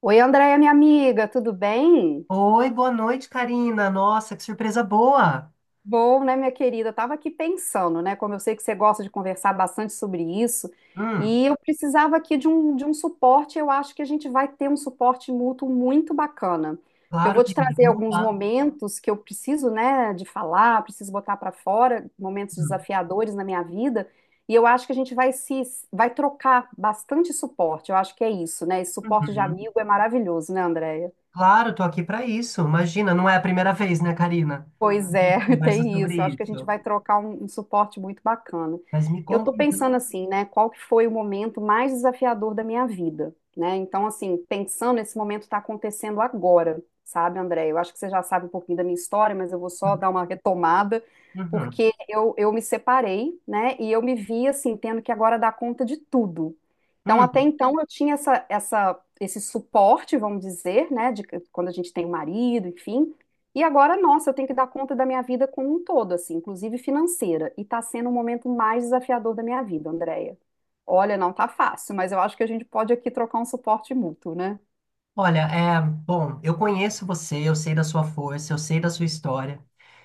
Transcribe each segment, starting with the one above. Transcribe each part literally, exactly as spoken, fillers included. Oi, Andréia, minha amiga, tudo bem? Oi, boa noite, Karina. Nossa, que surpresa boa. Bom, né, minha querida? Eu tava aqui pensando, né? Como eu sei que você gosta de conversar bastante sobre isso, Hum, e eu precisava aqui de um, de um suporte. Eu acho que a gente vai ter um suporte mútuo muito bacana. Porque eu claro, vou te querida, trazer vamos alguns lá. momentos que eu preciso, né, de falar, preciso botar para fora, momentos Uhum, desafiadores na minha vida, e eu acho que a gente vai se vai trocar bastante suporte. Eu acho que é isso, né? Esse suporte de uhum. amigo é maravilhoso, né, Andréia? Claro, tô aqui para isso. Imagina, não é a primeira vez, né, Karina? Pois A gente é, conversa tem sobre isso. Eu acho que a gente isso. vai trocar um, um suporte muito bacana. Mas me Eu conta estou pensando então. assim, né? Qual que foi o momento mais desafiador da minha vida, né? Então, assim, pensando, esse momento está acontecendo agora, sabe, André? Eu acho que você já sabe um pouquinho da minha história, mas eu vou só dar uma retomada, Uhum. porque eu, eu me separei, né? E eu me vi, assim, tendo que agora dar conta de tudo. Então, até Hum. então, eu tinha essa, essa, esse suporte, vamos dizer, né? De, quando a gente tem um marido, enfim. E agora, nossa, eu tenho que dar conta da minha vida como um todo, assim, inclusive financeira. E tá sendo o momento mais desafiador da minha vida, Andréia. Olha, não tá fácil, mas eu acho que a gente pode aqui trocar um suporte mútuo, né? Olha, é, bom, eu conheço você, eu sei da sua força, eu sei da sua história.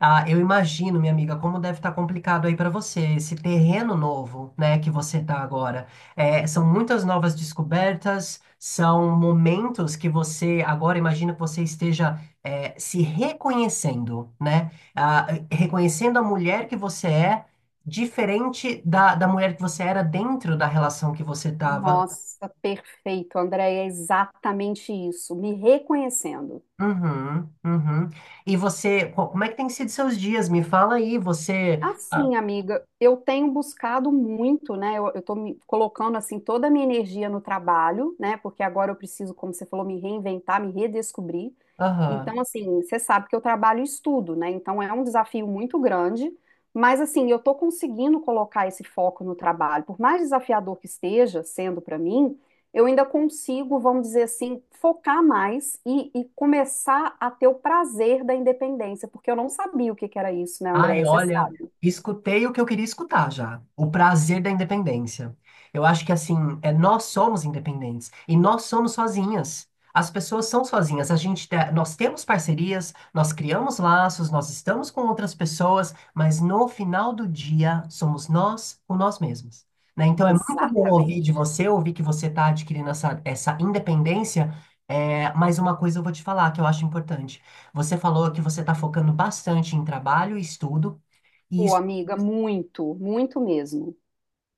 Ah, eu imagino, minha amiga, como deve estar complicado aí para você, esse terreno novo, né, que você tá agora. É, são muitas novas descobertas, são momentos que você agora imagina que você esteja é, se reconhecendo, né? Ah, reconhecendo a mulher que você é, diferente da, da mulher que você era dentro da relação que você estava. Nossa, perfeito, Andréia, é exatamente isso. Me reconhecendo. Uhum, uhum. E você, co- como é que tem sido seus dias? Me fala aí, você. Ah, Assim, amiga, eu tenho buscado muito, né? Eu, eu tô me colocando assim toda a minha energia no trabalho, né? Porque agora eu preciso, como você falou, me reinventar, me redescobrir. Aham. Então, assim, você sabe que eu trabalho e estudo, né? Então é um desafio muito grande, mas assim, eu tô conseguindo colocar esse foco no trabalho. Por mais desafiador que esteja sendo para mim, eu ainda consigo, vamos dizer assim, focar mais e, e começar a ter o prazer da independência, porque eu não sabia o que que era isso, né, Ai, Andréia? Você olha, sabe. escutei o que eu queria escutar já. O prazer da independência. Eu acho que assim, é, nós somos independentes e nós somos sozinhas. As pessoas são sozinhas. A gente, te- nós temos parcerias, nós criamos laços, nós estamos com outras pessoas, mas no final do dia somos nós com nós mesmos. Né? Então é muito bom ouvir de Exatamente. você, ouvir que você está adquirindo essa, essa independência. É, mas uma coisa eu vou te falar que eu acho importante. Você falou que você está focando bastante em trabalho e estudo, e Pô, isso, amiga, muito, muito mesmo.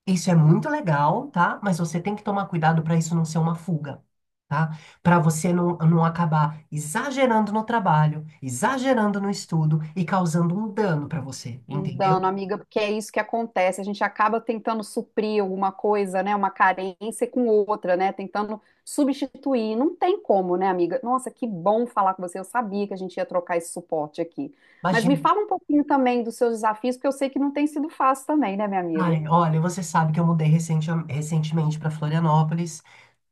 isso é muito legal, tá? Mas você tem que tomar cuidado para isso não ser uma fuga, tá? Para você não, não acabar exagerando no trabalho, exagerando no estudo e causando um dano para você, Um entendeu? dano, amiga, porque é isso que acontece. A gente acaba tentando suprir alguma coisa, né? Uma carência com outra, né? Tentando substituir. Não tem como, né, amiga? Nossa, que bom falar com você. Eu sabia que a gente ia trocar esse suporte aqui. Mas me Imagina. fala um pouquinho também dos seus desafios, porque eu sei que não tem sido fácil também, né, minha amiga? Ai, olha, você sabe que eu mudei recente- recentemente para Florianópolis,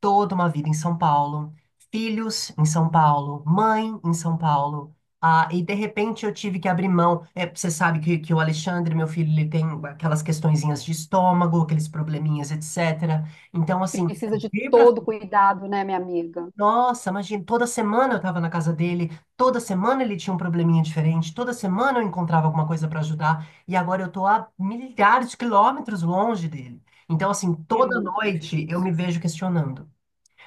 toda uma vida em São Paulo, filhos em São Paulo, mãe em São Paulo, ah, e de repente eu tive que abrir mão. É, você sabe que, que o Alexandre, meu filho, ele tem aquelas questõezinhas de estômago, aqueles probleminhas, et cetera. Então, assim, Precisa de vir para todo cuidado, né, minha amiga? nossa, imagina, toda semana eu estava na casa dele, toda semana ele tinha um probleminha diferente, toda semana eu encontrava alguma coisa para ajudar, e agora eu tô a milhares de quilômetros longe dele. Então, assim, É toda muito noite eu me difícil. vejo questionando.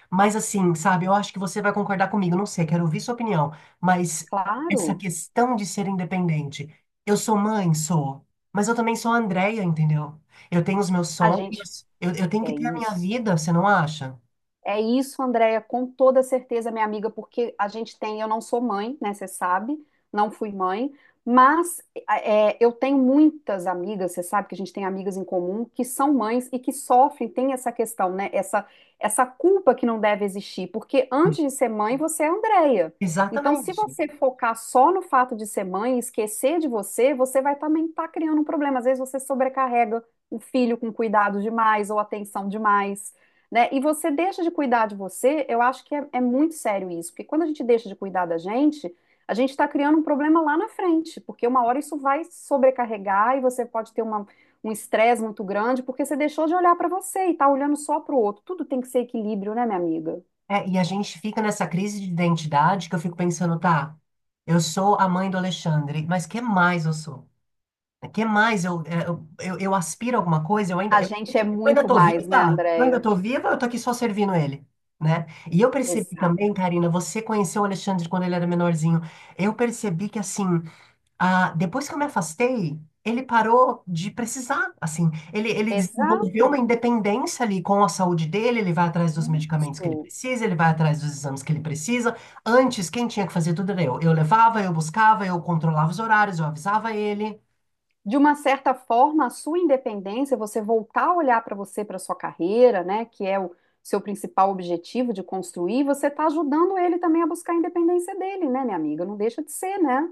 Mas, assim, sabe, eu acho que você vai concordar comigo, não sei, quero ouvir sua opinião, mas essa Claro, questão de ser independente, eu sou mãe, sou, mas eu também sou a Andrea, entendeu? Eu tenho os meus a gente sonhos, eu, eu tenho que é ter a minha isso. vida, você não acha? É isso, Andréia, com toda certeza, minha amiga, porque a gente tem, eu não sou mãe, né? Você sabe, não fui mãe, mas é, eu tenho muitas amigas, você sabe que a gente tem amigas em comum que são mães e que sofrem, tem essa questão, né? Essa, essa culpa que não deve existir, porque antes de ser mãe, você é Andréia. Então, se Exatamente. você focar só no fato de ser mãe e esquecer de você, você vai também estar criando um problema. Às vezes você sobrecarrega o filho com cuidado demais ou atenção demais, né? E você deixa de cuidar de você, eu acho que é, é muito sério isso, porque quando a gente deixa de cuidar da gente, a gente está criando um problema lá na frente, porque uma hora isso vai sobrecarregar e você pode ter uma, um estresse muito grande, porque você deixou de olhar para você e está olhando só para o outro. Tudo tem que ser equilíbrio, né, minha amiga? É, e a gente fica nessa crise de identidade que eu fico pensando, tá, eu sou a mãe do Alexandre, mas que mais eu sou? Que mais eu, é, eu, eu, eu aspiro a alguma coisa? Eu ainda, A eu, eu gente é ainda muito tô mais, né, viva? Eu ainda Andréia? tô viva? Eu tô aqui só servindo ele, né? E eu percebi também, Exato. Karina, você conheceu o Alexandre quando ele era menorzinho. Eu percebi que, assim, ah, depois que eu me afastei, ele parou de precisar, assim, ele, ele desenvolveu uma Exato. independência ali com a saúde dele, ele vai atrás dos medicamentos que ele Isso. precisa, ele vai atrás dos exames que ele precisa. Antes, quem tinha que fazer tudo era eu. Eu levava, eu buscava, eu controlava os horários, eu avisava ele. De uma certa forma, a sua independência, você voltar a olhar para você, para sua carreira, né, que é o seu principal objetivo de construir, você está ajudando ele também a buscar a independência dele, né, minha amiga? Não deixa de ser, né?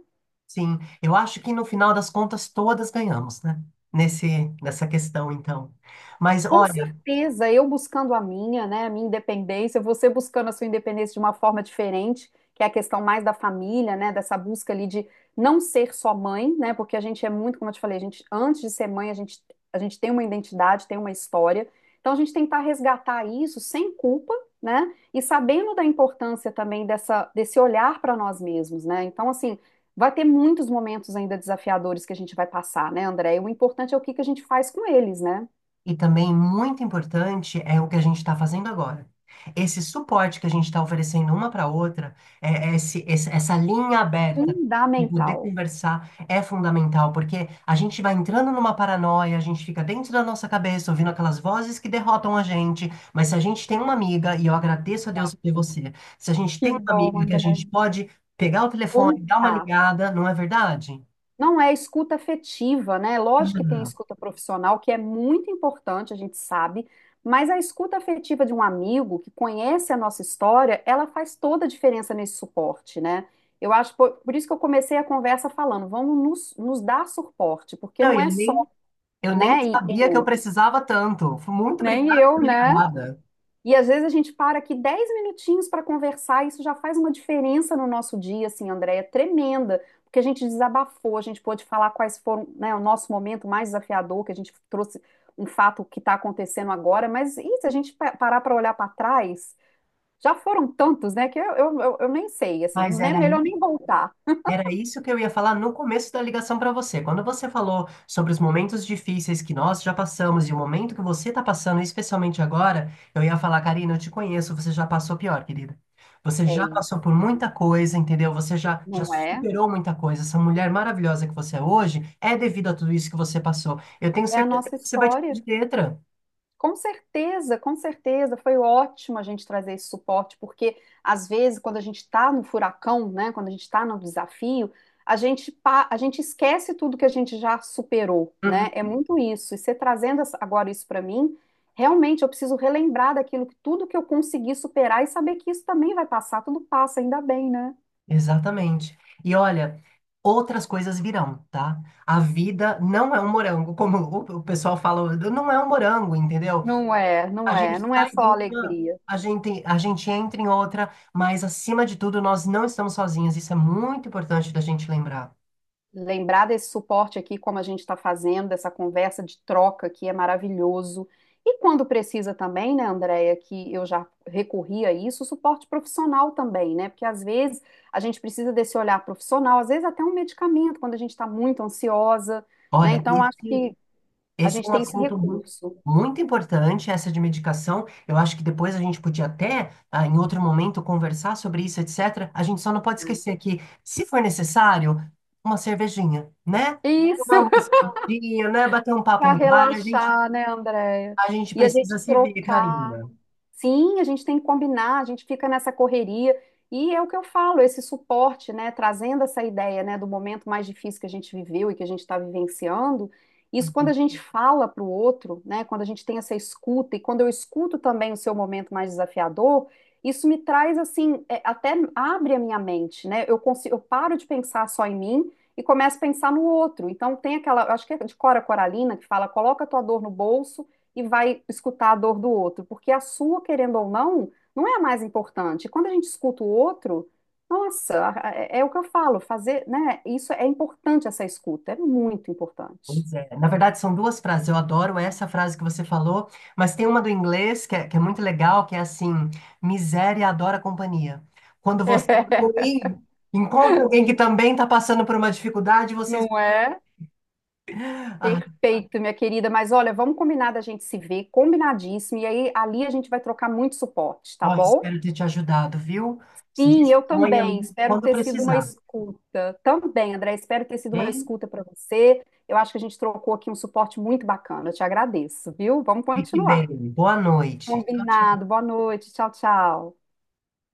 Sim, eu acho que no final das contas todas ganhamos, né? Nesse, nessa questão, então. Mas Com certeza, eu buscando a minha, né, a minha independência, você buscando a sua independência de uma forma diferente, que é a questão mais da família, né, dessa busca ali de não ser só mãe, né, porque a gente é muito, como eu te falei, a gente, antes de ser mãe, a gente, a gente tem uma identidade, tem uma história, então a gente tentar resgatar isso sem culpa, né, e sabendo da importância também dessa, desse olhar para nós mesmos, né, então assim, vai ter muitos momentos ainda desafiadores que a gente vai passar, né, André, e o importante é o que que a gente faz com eles, né? E também muito importante é o que a gente está fazendo agora. Esse suporte que a gente está oferecendo uma para outra, é- é esse- esse- essa linha aberta de poder Fundamental. conversar é fundamental, porque a gente vai entrando numa paranoia, a gente fica dentro da nossa cabeça, ouvindo aquelas vozes que derrotam a gente. Mas se a gente tem uma amiga, e eu agradeço a Deus por ter Exato. você, se a gente Que tem uma bom, amiga que a André. gente pode pegar o telefone, dar uma Contato. ligada, não é verdade? Não, é escuta afetiva, né? Lógico que tem a escuta profissional, que é muito importante, a gente sabe, mas a escuta afetiva de um amigo que conhece a nossa história, ela faz toda a diferença nesse suporte, né? Eu acho, por, por isso que eu comecei a conversa falando, vamos nos, nos dar suporte, porque Não, não eu é só, nem Eu nem né, e sabia que eu eu, precisava tanto. Fui Muito nem obrigada por eu, ter né? ligada. E às vezes a gente para aqui dez minutinhos para conversar, e isso já faz uma diferença no nosso dia, assim, Andréia, é tremenda, porque a gente desabafou, a gente pôde falar quais foram, né, o nosso momento mais desafiador, que a gente trouxe um fato que está acontecendo agora, mas e se a gente parar para olhar para trás, já foram tantos, né, que eu, eu, eu eu nem sei, assim, Mas né, era melhor nem aí, voltar. era isso que eu ia falar no começo da ligação para você. Quando você falou sobre os momentos difíceis que nós já passamos e o momento que você está passando, especialmente agora, eu ia falar, Karina, eu te conheço, você já passou pior, querida. Você É já isso, passou por muita coisa, entendeu? Você já, já não é? superou muita coisa. Essa mulher maravilhosa que você é hoje é devido a tudo isso que você passou. Eu tenho É a certeza nossa que você vai tirar história. de letra. Com certeza, com certeza, foi ótimo a gente trazer esse suporte, porque às vezes, quando a gente está no furacão, né, quando a gente está no desafio, a gente, pa- a gente esquece tudo que a gente já superou, né? É muito isso. E você trazendo essa- agora isso para mim, realmente eu preciso relembrar daquilo que tudo que eu consegui superar e saber que isso também vai passar, tudo passa, ainda bem, né? Exatamente. E olha, outras coisas virão, tá? A vida não é um morango, como o o pessoal fala, não é um morango, entendeu? Não é, A não é, gente não é sai só de uma, alegria. a gente, a gente entra em outra, mas acima de tudo, nós não estamos sozinhos. Isso é muito importante da gente lembrar. Lembrar desse suporte aqui, como a gente está fazendo, dessa conversa de troca aqui, é maravilhoso. E quando precisa também, né, Andréia, que eu já recorri a isso, suporte profissional também, né? Porque às vezes a gente precisa desse olhar profissional, às vezes até um medicamento, quando a gente está muito ansiosa, né? Olha, Então acho esse que a Esse é gente um tem esse assunto muito, recurso. muito importante, essa de medicação. Eu acho que depois a gente podia até, ah, em outro momento, conversar sobre isso, et cetera. A gente só não pode esquecer que, se for necessário, uma cervejinha, né? Isso, Tomar uma cervejinha, né? Bater um papo para no bar, a gente, relaxar, né, Andréia? a gente E a gente precisa se ver, trocar. Karina. Sim, a gente tem que combinar, a gente fica nessa correria. E é o que eu falo, esse suporte, né, trazendo essa ideia, né, do momento mais difícil que a gente viveu e que a gente está vivenciando, isso quando a gente fala para o outro, né, quando a gente tem essa escuta e quando eu escuto também o seu momento mais desafiador, isso me traz assim, é, até abre a minha mente, né? Eu consigo, eu paro de pensar só em mim e começo a pensar no outro. Então tem aquela, eu acho que é de Cora Coralina que fala, coloca a tua dor no bolso e vai escutar a dor do outro, porque a sua, querendo ou não, não é a mais importante. Quando a gente escuta o outro, nossa, a- é, é o que eu falo, fazer, né? Isso é importante, essa escuta, é muito importante. Pois é. Na verdade, são duas frases. Eu adoro essa frase que você falou, mas tem uma do inglês que é, que é, muito legal, que é assim: miséria adora companhia. Quando você também encontra alguém que também está passando por uma dificuldade, vocês. Não é? Ah, Perfeito, minha querida, mas olha, vamos combinar da gente se ver, combinadíssimo, e aí ali a gente vai trocar muito suporte, tá ó, bom? espero ter te ajudado, viu? Sim, eu também. Disponha-me Espero quando ter sido uma precisar, escuta. Também, André, espero ter sido uma hein? escuta para você. Eu acho que a gente trocou aqui um suporte muito bacana. Eu te agradeço, viu? Vamos Fique bem. continuar. Boa noite. Tchau, tchau. Combinado. Boa noite. Tchau, tchau.